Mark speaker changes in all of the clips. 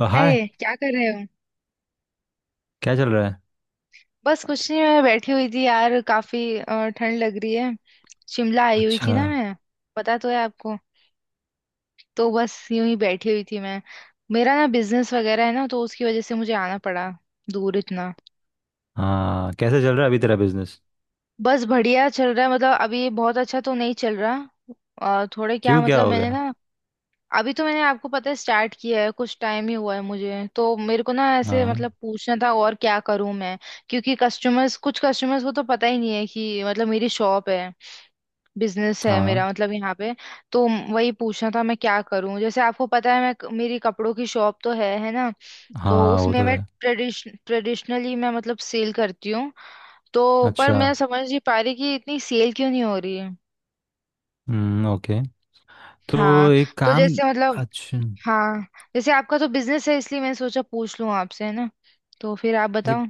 Speaker 1: हाय।
Speaker 2: अरे क्या कर रहे हो।
Speaker 1: क्या चल रहा है।
Speaker 2: बस कुछ नहीं, मैं बैठी हुई थी यार, काफी ठंड लग रही है। शिमला आई हुई थी
Speaker 1: अच्छा।
Speaker 2: ना मैं। पता तो है आपको। तो बस यूं ही बैठी हुई थी मैं। मेरा ना बिजनेस वगैरह है ना, तो उसकी वजह से मुझे आना पड़ा, दूर इतना।
Speaker 1: हाँ कैसे चल रहा है अभी तेरा बिजनेस।
Speaker 2: बस बढ़िया चल रहा है, मतलब अभी बहुत अच्छा तो नहीं चल रहा। और थोड़े क्या,
Speaker 1: क्यों क्या
Speaker 2: मतलब
Speaker 1: हो
Speaker 2: मैंने
Speaker 1: गया।
Speaker 2: ना। अभी तो मैंने, आपको पता है, स्टार्ट किया है, कुछ टाइम ही हुआ है, मुझे तो मेरे को ना ऐसे
Speaker 1: हाँ
Speaker 2: मतलब पूछना था और क्या करूं मैं। क्योंकि कस्टमर्स, कुछ कस्टमर्स को तो पता ही नहीं है कि मतलब मेरी शॉप है, बिजनेस है
Speaker 1: हाँ
Speaker 2: मेरा, मतलब यहाँ पे। तो वही पूछना था, मैं क्या करूं। जैसे आपको पता है, मैं, मेरी कपड़ों की शॉप तो है ना। तो
Speaker 1: हाँ वो
Speaker 2: उसमें
Speaker 1: तो
Speaker 2: मैं
Speaker 1: है।
Speaker 2: ट्रेडिशनली मैं मतलब सेल करती हूँ। तो पर
Speaker 1: अच्छा
Speaker 2: मैं समझ नहीं पा रही कि इतनी सेल क्यों नहीं हो रही है।
Speaker 1: ओके। तो
Speaker 2: हाँ।
Speaker 1: एक
Speaker 2: तो
Speaker 1: काम।
Speaker 2: जैसे मतलब।
Speaker 1: अच्छा
Speaker 2: हाँ। जैसे आपका तो बिजनेस है, इसलिए मैंने सोचा पूछ लूँ आपसे, है ना। तो फिर आप
Speaker 1: देख।
Speaker 2: बताओ।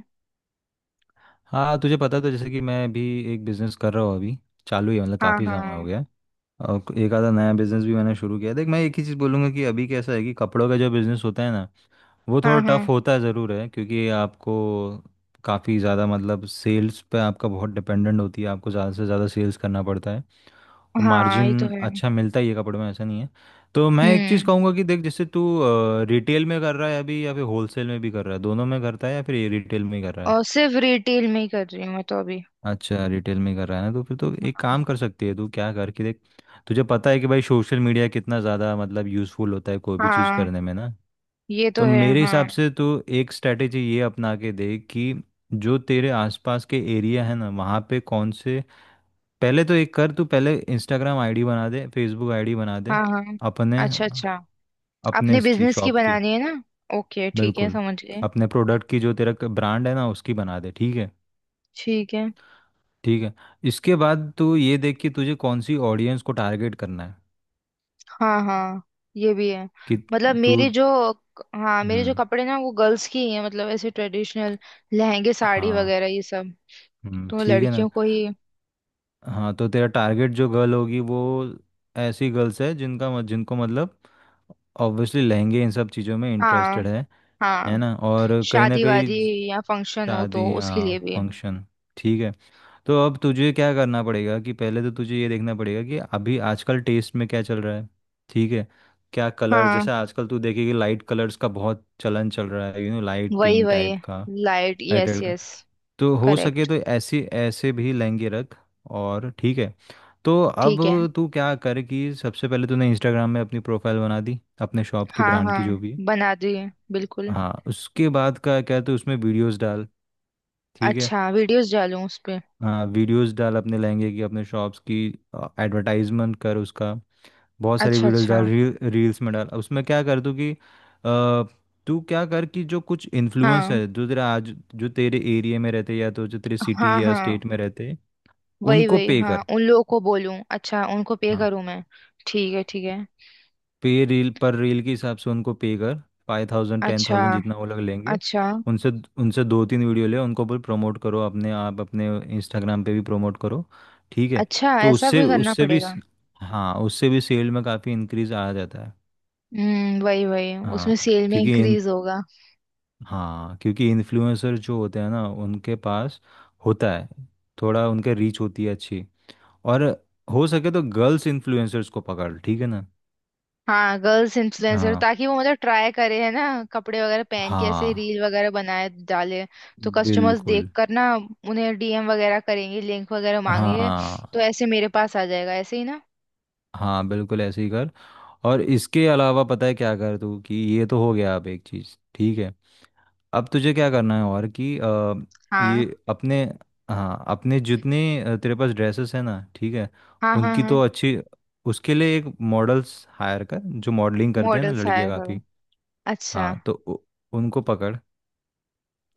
Speaker 1: हाँ तुझे पता है, तो जैसे कि मैं भी एक बिजनेस कर रहा हूँ अभी चालू ही है, मतलब
Speaker 2: हाँ
Speaker 1: काफ़ी
Speaker 2: हाँ।
Speaker 1: समय हो गया है। और एक आधा नया बिजनेस भी मैंने शुरू किया है। देख मैं एक ही चीज़ बोलूँगा कि अभी कैसा है कि कपड़ों का जो बिजनेस होता है ना वो
Speaker 2: हाँ।
Speaker 1: थोड़ा
Speaker 2: हाँ
Speaker 1: टफ होता है ज़रूर है क्योंकि आपको काफ़ी ज़्यादा मतलब सेल्स पे आपका बहुत डिपेंडेंट होती है आपको ज़्यादा से ज़्यादा सेल्स करना पड़ता है। और
Speaker 2: हाँ। ये तो
Speaker 1: मार्जिन
Speaker 2: है।
Speaker 1: अच्छा मिलता ही है कपड़े में ऐसा नहीं है। तो मैं एक चीज़
Speaker 2: हम्म।
Speaker 1: कहूँगा कि देख जैसे तू रिटेल में कर रहा है अभी या फिर होलसेल में भी कर रहा है दोनों में करता है या फिर रिटेल में ही कर रहा है।
Speaker 2: और सिर्फ रिटेल में ही कर रही हूँ मैं तो अभी।
Speaker 1: अच्छा रिटेल में कर रहा है ना तो फिर तो एक काम कर सकती है तू क्या कर कि देख तुझे पता है कि भाई सोशल मीडिया कितना ज़्यादा मतलब यूज़फुल होता है कोई भी चीज़
Speaker 2: हाँ,
Speaker 1: करने में ना।
Speaker 2: ये
Speaker 1: तो
Speaker 2: तो है।
Speaker 1: मेरे हिसाब
Speaker 2: हाँ
Speaker 1: से तो एक स्ट्रैटेजी ये अपना के देख कि जो तेरे आसपास के एरिया है ना वहाँ पे कौन से। पहले तो एक कर तू पहले इंस्टाग्राम आईडी बना दे फेसबुक आईडी बना दे
Speaker 2: हाँ हाँ।
Speaker 1: अपने
Speaker 2: अच्छा अच्छा।
Speaker 1: अपने
Speaker 2: अपने
Speaker 1: इसकी
Speaker 2: बिजनेस की
Speaker 1: शॉप की।
Speaker 2: बनानी है ना। ओके, ठीक है,
Speaker 1: बिल्कुल
Speaker 2: समझ गए।
Speaker 1: अपने प्रोडक्ट की जो तेरा ब्रांड है ना उसकी बना दे ठीक है
Speaker 2: ठीक है।
Speaker 1: ठीक है। इसके बाद तू ये देख कि तुझे कौन सी ऑडियंस को टारगेट करना है
Speaker 2: हाँ हाँ, ये भी है।
Speaker 1: कि
Speaker 2: मतलब
Speaker 1: तू।
Speaker 2: मेरे जो। हाँ, मेरे जो
Speaker 1: हम्म।
Speaker 2: कपड़े ना, वो गर्ल्स की ही है, मतलब ऐसे ट्रेडिशनल लहंगे साड़ी
Speaker 1: हाँ
Speaker 2: वगैरह ये सब। तो
Speaker 1: ठीक है ना।
Speaker 2: लड़कियों को ही।
Speaker 1: हाँ तो तेरा टारगेट जो गर्ल होगी वो ऐसी गर्ल्स है जिनका जिनको मतलब ऑब्वियसली लहंगे इन सब चीज़ों में
Speaker 2: हाँ
Speaker 1: इंटरेस्टेड है। है
Speaker 2: हाँ,
Speaker 1: ना और कहीं ना
Speaker 2: शादी
Speaker 1: कहीं
Speaker 2: वादी या फंक्शन हो तो
Speaker 1: शादी
Speaker 2: उसके लिए
Speaker 1: हाँ
Speaker 2: भी।
Speaker 1: फंक्शन ठीक है। तो अब तुझे क्या करना पड़ेगा कि पहले तो तुझे ये देखना पड़ेगा कि अभी आजकल टेस्ट में क्या चल रहा है ठीक है। क्या कलर
Speaker 2: हाँ,
Speaker 1: जैसे आजकल तू देखेगी लाइट कलर्स का बहुत चलन चल रहा है लाइट
Speaker 2: वही
Speaker 1: पिंक
Speaker 2: वही,
Speaker 1: टाइप का।
Speaker 2: लाइट।
Speaker 1: लाइट
Speaker 2: यस यस,
Speaker 1: तो हो सके
Speaker 2: करेक्ट।
Speaker 1: तो ऐसे ऐसे भी लहंगे रख और ठीक है। तो अब
Speaker 2: ठीक है।
Speaker 1: तू क्या कर कि सबसे पहले तूने इंस्टाग्राम में अपनी प्रोफाइल बना दी अपने शॉप की
Speaker 2: हाँ
Speaker 1: ब्रांड की
Speaker 2: हाँ,
Speaker 1: जो भी है।
Speaker 2: बना दिए बिल्कुल।
Speaker 1: हाँ उसके बाद का क्या है तो उसमें वीडियोस डाल ठीक है।
Speaker 2: अच्छा, वीडियोस डालूं उस पे।
Speaker 1: हाँ वीडियोस डाल अपने लहंगे की अपने शॉप्स की एडवर्टाइजमेंट कर उसका। बहुत सारी
Speaker 2: अच्छा
Speaker 1: वीडियोस
Speaker 2: अच्छा।
Speaker 1: डाल रील रील्स में डाल उसमें क्या कर तू कि तू क्या कर कि जो कुछ इन्फ्लुएंसर
Speaker 2: हाँ
Speaker 1: है जो तेरा आज जो तेरे एरिया में रहते या तो जो तेरे
Speaker 2: हाँ
Speaker 1: सिटी या
Speaker 2: हाँ,
Speaker 1: स्टेट में रहते
Speaker 2: वही
Speaker 1: उनको
Speaker 2: वही।
Speaker 1: पे
Speaker 2: हाँ,
Speaker 1: कर।
Speaker 2: उन लोगों को बोलूं, अच्छा, उनको पे
Speaker 1: हाँ
Speaker 2: करूं मैं। ठीक है ठीक है।
Speaker 1: पे रील पर रील के हिसाब से उनको पे कर 5,000 टेन
Speaker 2: अच्छा
Speaker 1: थाउजेंड जितना वो लोग लेंगे
Speaker 2: अच्छा।
Speaker 1: उनसे उनसे दो तीन वीडियो ले उनको भी प्रमोट करो अपने आप अपने इंस्टाग्राम पे भी प्रमोट करो ठीक है।
Speaker 2: अच्छा,
Speaker 1: तो
Speaker 2: ऐसा
Speaker 1: उससे
Speaker 2: भी करना
Speaker 1: उससे भी
Speaker 2: पड़ेगा।
Speaker 1: हाँ उससे भी सेल में काफ़ी इंक्रीज आ जाता है।
Speaker 2: हम्म, वही वही,
Speaker 1: हाँ
Speaker 2: उसमें सेल में
Speaker 1: क्योंकि इन
Speaker 2: इंक्रीज होगा।
Speaker 1: हाँ क्योंकि इन्फ्लुएंसर जो होते हैं ना उनके पास होता है थोड़ा उनके रीच होती है अच्छी। और हो सके तो गर्ल्स इन्फ्लुएंसर्स को पकड़ ठीक है ना।
Speaker 2: हाँ, गर्ल्स इन्फ्लुएंसर,
Speaker 1: हाँ
Speaker 2: ताकि वो मतलब ट्राई करे, है ना। कपड़े वगैरह पहन के ऐसे
Speaker 1: हाँ
Speaker 2: रील वगैरह बनाए, डाले। तो कस्टमर्स देख
Speaker 1: बिल्कुल।
Speaker 2: कर ना, उन्हें डीएम वगैरह करेंगे, लिंक वगैरह मांगेंगे। तो
Speaker 1: हाँ
Speaker 2: ऐसे मेरे पास आ जाएगा, ऐसे ही ना।
Speaker 1: हाँ बिल्कुल ऐसे ही कर। और इसके अलावा पता है क्या कर तू कि ये तो हो गया अब एक चीज़ ठीक है। अब तुझे क्या करना है और कि
Speaker 2: हाँ
Speaker 1: ये अपने। हाँ अपने जितने तेरे पास ड्रेसेस है ना ठीक है
Speaker 2: हाँ हाँ
Speaker 1: उनकी तो
Speaker 2: हाँ।
Speaker 1: अच्छी उसके लिए एक मॉडल्स हायर कर जो मॉडलिंग करते हैं ना
Speaker 2: मॉडल्स हायर
Speaker 1: लड़कियाँ
Speaker 2: करो।
Speaker 1: काफ़ी।
Speaker 2: अच्छा
Speaker 1: हाँ तो उनको पकड़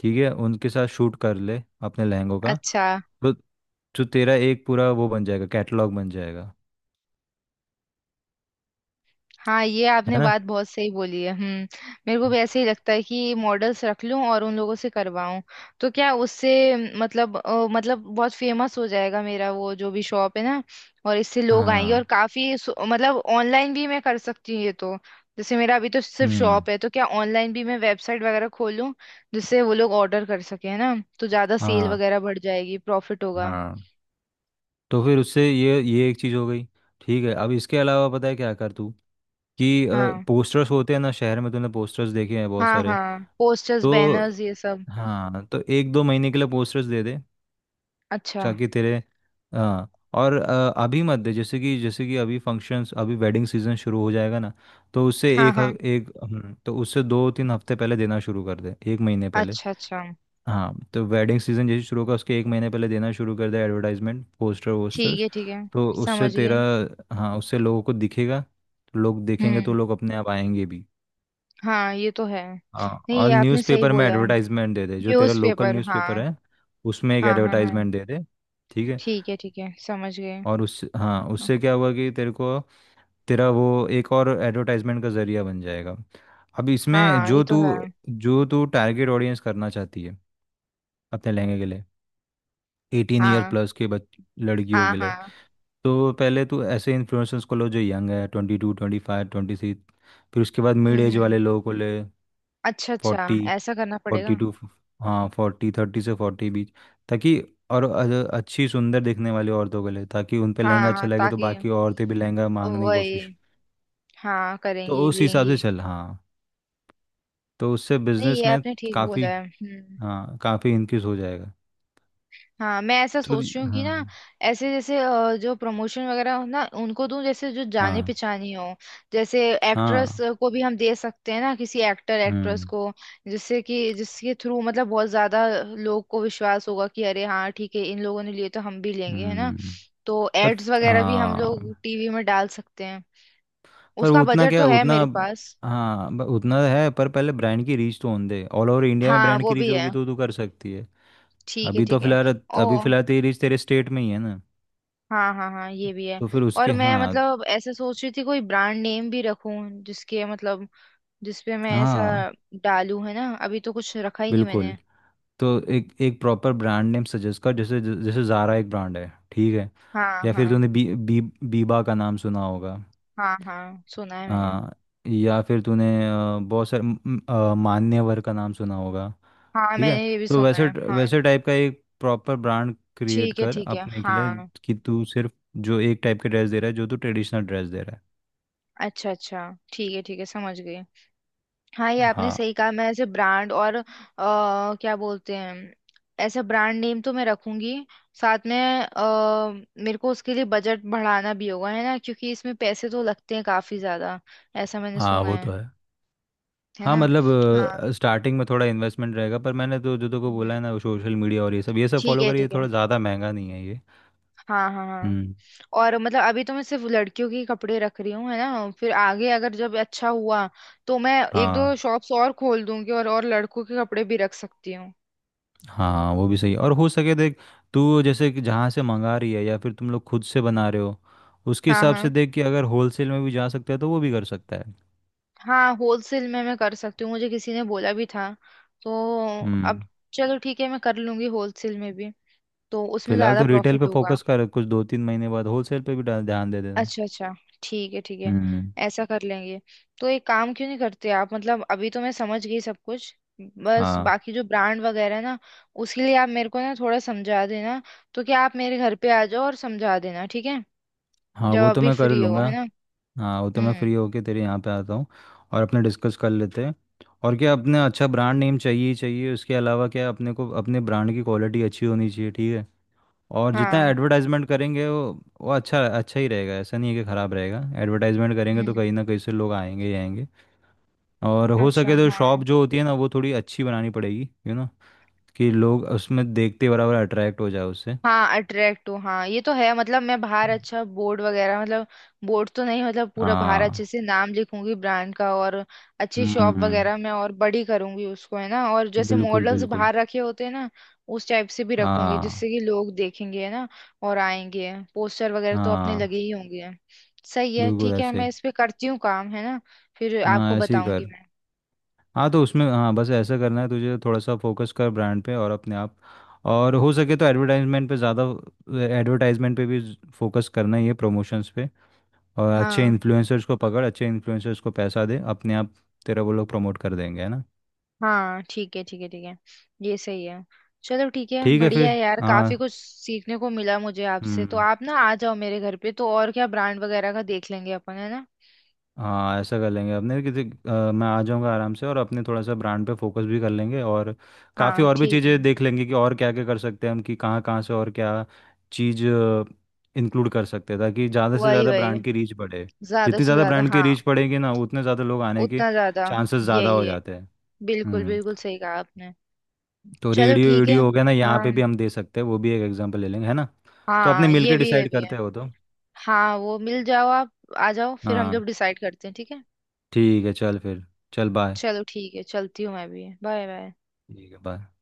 Speaker 1: ठीक है उनके साथ शूट कर ले अपने लहंगों का।
Speaker 2: अच्छा।
Speaker 1: तो जो तेरा एक पूरा वो बन जाएगा कैटलॉग बन जाएगा
Speaker 2: हाँ, ये आपने
Speaker 1: है ना।
Speaker 2: बात बहुत सही बोली है। हम्म। मेरे को भी ऐसे ही लगता है, कि मॉडल्स रख लूं और उन लोगों से करवाऊं। तो क्या उससे, मतलब मतलब बहुत फेमस हो जाएगा मेरा वो जो भी शॉप है ना। और इससे लोग आएंगे,
Speaker 1: हाँ
Speaker 2: और काफी मतलब ऑनलाइन भी मैं कर सकती हूँ ये तो। जैसे मेरा अभी तो सिर्फ
Speaker 1: हम्म।
Speaker 2: शॉप है, तो क्या ऑनलाइन भी मैं वेबसाइट वगैरह खोलूं, जिससे वो लोग ऑर्डर कर सके, है ना। तो ज्यादा सेल
Speaker 1: हाँ
Speaker 2: वगैरह बढ़ जाएगी, प्रॉफिट होगा।
Speaker 1: हाँ तो फिर उससे ये एक चीज़ हो गई ठीक है। अब इसके अलावा पता है क्या कर तू कि
Speaker 2: हाँ
Speaker 1: पोस्टर्स होते हैं ना शहर में तूने पोस्टर्स देखे हैं बहुत
Speaker 2: हाँ
Speaker 1: सारे
Speaker 2: हाँ, पोस्टर्स,
Speaker 1: तो।
Speaker 2: बैनर्स, ये सब।
Speaker 1: हाँ तो एक दो महीने के लिए पोस्टर्स दे दे
Speaker 2: अच्छा।
Speaker 1: ताकि तेरे। हाँ और अभी मत दे जैसे कि अभी फंक्शंस अभी वेडिंग सीजन शुरू हो जाएगा ना। तो उससे
Speaker 2: हाँ
Speaker 1: एक
Speaker 2: हाँ,
Speaker 1: ह- एक तो उससे दो तीन हफ्ते पहले देना शुरू कर दे एक महीने पहले।
Speaker 2: अच्छा अच्छा,
Speaker 1: हाँ तो वेडिंग सीजन जैसे शुरू होगा उसके एक महीने पहले देना शुरू कर दे एडवर्टाइजमेंट पोस्टर
Speaker 2: ठीक
Speaker 1: वोस्टर्स।
Speaker 2: है ठीक है,
Speaker 1: तो उससे
Speaker 2: समझ गए।
Speaker 1: तेरा। हाँ उससे लोगों को दिखेगा तो लोग देखेंगे तो
Speaker 2: हम्म।
Speaker 1: लोग अपने आप आएंगे भी।
Speaker 2: हाँ, ये तो है
Speaker 1: हाँ
Speaker 2: नहीं,
Speaker 1: और
Speaker 2: ये आपने सही
Speaker 1: न्यूज़पेपर में
Speaker 2: बोला है।
Speaker 1: एडवर्टाइजमेंट दे दे जो तेरा लोकल
Speaker 2: न्यूज़पेपर,
Speaker 1: न्यूज़पेपर
Speaker 2: हाँ।
Speaker 1: है उसमें एक
Speaker 2: हाँ हाँ हाँ,
Speaker 1: एडवर्टाइजमेंट दे दे ठीक है।
Speaker 2: ठीक है ठीक है, समझ गए।
Speaker 1: और उस हाँ उससे क्या हुआ कि तेरे को तेरा वो एक और एडवर्टाइजमेंट का जरिया बन जाएगा। अब इसमें
Speaker 2: हाँ, ये
Speaker 1: जो
Speaker 2: तो
Speaker 1: तू
Speaker 2: है।
Speaker 1: जो तू टारगेट ऑडियंस करना चाहती है अपने लहंगे के लिए 18 ईयर
Speaker 2: हाँ
Speaker 1: प्लस के बच लड़कियों
Speaker 2: हाँ
Speaker 1: के लिए।
Speaker 2: हाँ।
Speaker 1: तो पहले तू ऐसे इन्फ्लुएंसर्स को लो जो यंग है 22 25 26। फिर उसके बाद मिड एज
Speaker 2: हम्म।
Speaker 1: वाले लोगों को ले
Speaker 2: अच्छा अच्छा,
Speaker 1: 40
Speaker 2: ऐसा करना
Speaker 1: फोर्टी
Speaker 2: पड़ेगा।
Speaker 1: टू हाँ फोर्टी 30 से 40 बीच ताकि और अच्छी सुंदर दिखने वाली औरतों के लिए ताकि उन पे लहंगा
Speaker 2: हाँ
Speaker 1: अच्छा
Speaker 2: हाँ,
Speaker 1: लगे तो
Speaker 2: ताकि,
Speaker 1: बाकी औरतें भी लहंगा मांगने की
Speaker 2: वही,
Speaker 1: कोशिश।
Speaker 2: हाँ,
Speaker 1: तो
Speaker 2: करेंगी,
Speaker 1: उस हिसाब
Speaker 2: लेंगी।
Speaker 1: से चल। हाँ तो उससे
Speaker 2: नहीं,
Speaker 1: बिजनेस
Speaker 2: ये
Speaker 1: में
Speaker 2: आपने ठीक
Speaker 1: काफ़ी।
Speaker 2: बोला है। हम्म।
Speaker 1: हाँ काफ़ी इंक्रीज हो जाएगा।
Speaker 2: हाँ, मैं ऐसा
Speaker 1: तो
Speaker 2: सोच रही हूँ कि
Speaker 1: हाँ।
Speaker 2: ना, ऐसे जैसे जो प्रमोशन वगैरह हो ना उनको दूं, जैसे जो जाने
Speaker 1: हाँ
Speaker 2: पहचानी हो। जैसे एक्ट्रेस
Speaker 1: हाँ।
Speaker 2: को भी हम दे सकते हैं ना, किसी एक्टर एक्ट्रेस
Speaker 1: हम्म
Speaker 2: को। जिससे कि, जिसके थ्रू मतलब बहुत ज्यादा लोग को विश्वास होगा कि अरे हाँ ठीक है, इन लोगों ने लिए तो हम भी लेंगे, है ना।
Speaker 1: हम्म।
Speaker 2: तो
Speaker 1: पर
Speaker 2: एड्स वगैरह भी हम लोग
Speaker 1: हाँ
Speaker 2: टीवी में डाल सकते हैं।
Speaker 1: पर
Speaker 2: उसका
Speaker 1: उतना
Speaker 2: बजट तो
Speaker 1: क्या
Speaker 2: है
Speaker 1: उतना।
Speaker 2: मेरे पास।
Speaker 1: हाँ उतना है पर पहले ब्रांड की रीच तो होने दे ऑल ओवर इंडिया में
Speaker 2: हाँ,
Speaker 1: ब्रांड
Speaker 2: वो
Speaker 1: की रीच
Speaker 2: भी है।
Speaker 1: होगी तो तू कर सकती है।
Speaker 2: ठीक है
Speaker 1: अभी तो
Speaker 2: ठीक है।
Speaker 1: फिलहाल
Speaker 2: ओ।
Speaker 1: अभी फिलहाल तेरी रीच तेरे स्टेट में ही है ना।
Speaker 2: हाँ हाँ हाँ, ये भी है।
Speaker 1: तो फिर
Speaker 2: और
Speaker 1: उसके।
Speaker 2: मैं
Speaker 1: हाँ
Speaker 2: मतलब ऐसे सोच रही थी, कोई ब्रांड नेम भी रखूं, जिसके मतलब, जिसपे मैं ऐसा
Speaker 1: हाँ
Speaker 2: डालूं, है ना। अभी तो कुछ रखा ही नहीं
Speaker 1: बिल्कुल।
Speaker 2: मैंने।
Speaker 1: तो एक एक प्रॉपर ब्रांड नेम सजेस्ट कर जैसे जैसे ज़ारा एक ब्रांड है ठीक है।
Speaker 2: हाँ
Speaker 1: या फिर
Speaker 2: हाँ।
Speaker 1: तूने बी बी बीबा का नाम सुना होगा।
Speaker 2: हाँ, हाँ सुना है मैंने।
Speaker 1: हाँ या फिर तूने बहुत सारे मान्यवर का नाम सुना होगा
Speaker 2: हाँ,
Speaker 1: ठीक है।
Speaker 2: मैंने ये भी
Speaker 1: तो
Speaker 2: सुना
Speaker 1: वैसे
Speaker 2: है, हाँ।
Speaker 1: वैसे टाइप का एक प्रॉपर ब्रांड क्रिएट
Speaker 2: ठीक है
Speaker 1: कर
Speaker 2: ठीक है,
Speaker 1: अपने के लिए
Speaker 2: हाँ।
Speaker 1: कि तू सिर्फ जो एक टाइप के ड्रेस दे रहा है जो तू ट्रेडिशनल ड्रेस दे रहा
Speaker 2: अच्छा अच्छा, ठीक है ठीक है, समझ गई। हाँ, ये
Speaker 1: है।
Speaker 2: आपने
Speaker 1: हाँ
Speaker 2: सही कहा। मैं ऐसे ब्रांड, और क्या बोलते हैं, ऐसा ब्रांड नेम तो मैं रखूंगी। साथ में, अ, मेरे को उसके लिए बजट बढ़ाना भी होगा, है ना, क्योंकि इसमें पैसे तो लगते हैं काफी ज्यादा, ऐसा मैंने
Speaker 1: हाँ
Speaker 2: सुना
Speaker 1: वो तो
Speaker 2: है।
Speaker 1: है।
Speaker 2: है
Speaker 1: हाँ
Speaker 2: ना।
Speaker 1: मतलब
Speaker 2: हाँ।
Speaker 1: स्टार्टिंग में थोड़ा इन्वेस्टमेंट रहेगा पर मैंने तो जो को बोला है
Speaker 2: हम्म।
Speaker 1: ना सोशल मीडिया और ये सब
Speaker 2: ठीक
Speaker 1: फॉलो
Speaker 2: है
Speaker 1: करिए
Speaker 2: ठीक है।
Speaker 1: थोड़ा ज़्यादा महंगा नहीं है ये।
Speaker 2: हाँ हाँ हाँ।
Speaker 1: हम्म।
Speaker 2: और मतलब अभी तो मैं सिर्फ लड़कियों के कपड़े रख रही हूँ, है ना, फिर आगे अगर जब अच्छा हुआ, तो मैं एक दो
Speaker 1: हाँ
Speaker 2: शॉप्स और खोल दूंगी, और लड़कों के कपड़े भी रख सकती हूँ।
Speaker 1: हाँ वो भी सही है और हो सके देख तू जैसे कि जहाँ से मंगा रही है या फिर तुम लोग खुद से बना रहे हो उसके
Speaker 2: हाँ
Speaker 1: हिसाब से
Speaker 2: हाँ
Speaker 1: देख कि अगर होलसेल में भी जा सकता है तो वो भी कर सकता है।
Speaker 2: हाँ। होलसेल में मैं कर सकती हूँ, मुझे किसी ने बोला भी था। तो अब,
Speaker 1: हम्म
Speaker 2: चलो ठीक है, मैं कर लूंगी होलसेल में भी, तो उसमें
Speaker 1: फिलहाल
Speaker 2: ज्यादा
Speaker 1: तो रिटेल पे
Speaker 2: प्रॉफिट होगा।
Speaker 1: फोकस कर कुछ दो तीन महीने बाद होलसेल पे भी ध्यान दे देना।
Speaker 2: अच्छा अच्छा, ठीक है ठीक है,
Speaker 1: हम्म।
Speaker 2: ऐसा कर लेंगे। तो एक काम क्यों नहीं करते आप, मतलब अभी तो मैं समझ गई सब कुछ, बस
Speaker 1: हाँ
Speaker 2: बाकी जो ब्रांड वगैरह है ना, उसके लिए आप मेरे को ना थोड़ा समझा देना। तो क्या आप मेरे घर पे आ जाओ और समझा देना, ठीक है,
Speaker 1: हाँ
Speaker 2: जब
Speaker 1: वो तो
Speaker 2: अभी
Speaker 1: मैं कर
Speaker 2: फ्री हो,
Speaker 1: लूँगा।
Speaker 2: है ना।
Speaker 1: हाँ वो तो मैं
Speaker 2: हम्म।
Speaker 1: फ्री होके तेरे यहाँ पे आता हूँ और अपने डिस्कस कर लेते हैं। और क्या अपने अच्छा ब्रांड नेम चाहिए ही चाहिए उसके अलावा क्या अपने को अपने ब्रांड की क्वालिटी अच्छी होनी चाहिए ठीक है। और जितना
Speaker 2: हाँ।
Speaker 1: एडवर्टाइजमेंट करेंगे वो अच्छा अच्छा ही रहेगा ऐसा नहीं है कि ख़राब रहेगा एडवर्टाइजमेंट करेंगे तो
Speaker 2: हम्म।
Speaker 1: कहीं ना कहीं से लोग आएंगे ही आएंगे। और हो
Speaker 2: अच्छा,
Speaker 1: सके तो
Speaker 2: हाँ।
Speaker 1: शॉप जो होती है ना वो थोड़ी अच्छी बनानी पड़ेगी कि लोग उसमें देखते बराबर अट्रैक्ट हो जाए उससे।
Speaker 2: हाँ, अट्रैक्ट हूँ, हाँ, ये तो है। मतलब मैं बाहर अच्छा बोर्ड वगैरह, मतलब बोर्ड तो नहीं, मतलब पूरा बाहर
Speaker 1: हाँ
Speaker 2: अच्छे से नाम लिखूंगी ब्रांड का, और अच्छी शॉप
Speaker 1: हम्म
Speaker 2: वगैरह में, और बड़ी करूंगी उसको, है ना। और जैसे
Speaker 1: बिल्कुल
Speaker 2: मॉडल्स
Speaker 1: बिल्कुल।
Speaker 2: बाहर रखे होते हैं ना, उस टाइप से भी रखूंगी, जिससे
Speaker 1: हाँ
Speaker 2: कि लोग देखेंगे, है ना, और आएंगे। पोस्टर वगैरह तो अपने
Speaker 1: हाँ
Speaker 2: लगे ही होंगे। सही है,
Speaker 1: बिल्कुल
Speaker 2: ठीक है,
Speaker 1: ऐसे
Speaker 2: मैं
Speaker 1: ही।
Speaker 2: इस पे करती हूँ काम, है ना। फिर आपको
Speaker 1: हाँ ऐसे ही
Speaker 2: बताऊंगी
Speaker 1: कर।
Speaker 2: मैं।
Speaker 1: हाँ तो उसमें हाँ बस ऐसा करना है तुझे थोड़ा सा फोकस कर ब्रांड पे और अपने आप। और हो सके तो एडवर्टाइजमेंट पे ज़्यादा एडवर्टाइजमेंट पे भी फोकस करना ही है प्रमोशंस पे। और अच्छे
Speaker 2: हाँ
Speaker 1: इन्फ्लुएंसर्स को पकड़ अच्छे इन्फ्लुएंसर्स को पैसा दे अपने आप तेरा वो लोग प्रमोट कर देंगे है ना।
Speaker 2: हाँ, ठीक है ठीक है ठीक है। ये सही है। चलो ठीक है,
Speaker 1: ठीक है
Speaker 2: बढ़िया है
Speaker 1: फिर।
Speaker 2: यार, काफी
Speaker 1: हाँ
Speaker 2: कुछ सीखने को मिला मुझे आपसे। तो
Speaker 1: हम्म।
Speaker 2: आप ना आ जाओ मेरे घर पे, तो और क्या ब्रांड वगैरह का देख लेंगे अपन, है ना।
Speaker 1: हाँ ऐसा कर लेंगे अपने किसी मैं आ जाऊँगा आराम से और अपने थोड़ा सा ब्रांड पे फोकस भी कर लेंगे और काफ़ी
Speaker 2: हाँ,
Speaker 1: और भी
Speaker 2: ठीक है।
Speaker 1: चीज़ें देख लेंगे कि और क्या क्या कर सकते हैं हम कि कहाँ कहाँ से और क्या चीज़ इंक्लूड कर सकते हैं ताकि ज़्यादा से
Speaker 2: वही
Speaker 1: ज़्यादा
Speaker 2: वही,
Speaker 1: ब्रांड की रीच बढ़े।
Speaker 2: ज्यादा
Speaker 1: जितनी
Speaker 2: से
Speaker 1: ज़्यादा
Speaker 2: ज्यादा,
Speaker 1: ब्रांड की
Speaker 2: हाँ।
Speaker 1: रीच बढ़ेगी ना उतने ज़्यादा लोग आने के
Speaker 2: उतना ज्यादा।
Speaker 1: चांसेस ज़्यादा
Speaker 2: यही
Speaker 1: हो
Speaker 2: है।
Speaker 1: जाते हैं।
Speaker 2: बिल्कुल
Speaker 1: हम्म
Speaker 2: बिल्कुल, सही कहा आपने।
Speaker 1: तो
Speaker 2: चलो
Speaker 1: रेडियो
Speaker 2: ठीक है।
Speaker 1: वीडियो हो गया ना यहाँ पे
Speaker 2: हाँ
Speaker 1: भी हम दे सकते हैं वो भी एक एग्जांपल ले लेंगे है ना। तो अपने
Speaker 2: हाँ, ये
Speaker 1: मिलके
Speaker 2: भी है, ये
Speaker 1: डिसाइड
Speaker 2: भी है।
Speaker 1: करते हो तो।
Speaker 2: हाँ, वो मिल जाओ आप, आ जाओ, फिर हम
Speaker 1: हाँ
Speaker 2: लोग डिसाइड करते हैं, ठीक है।
Speaker 1: ठीक है चल फिर। चल बाय।
Speaker 2: चलो ठीक है, चलती हूँ मैं भी, बाय बाय।
Speaker 1: ठीक है बाय।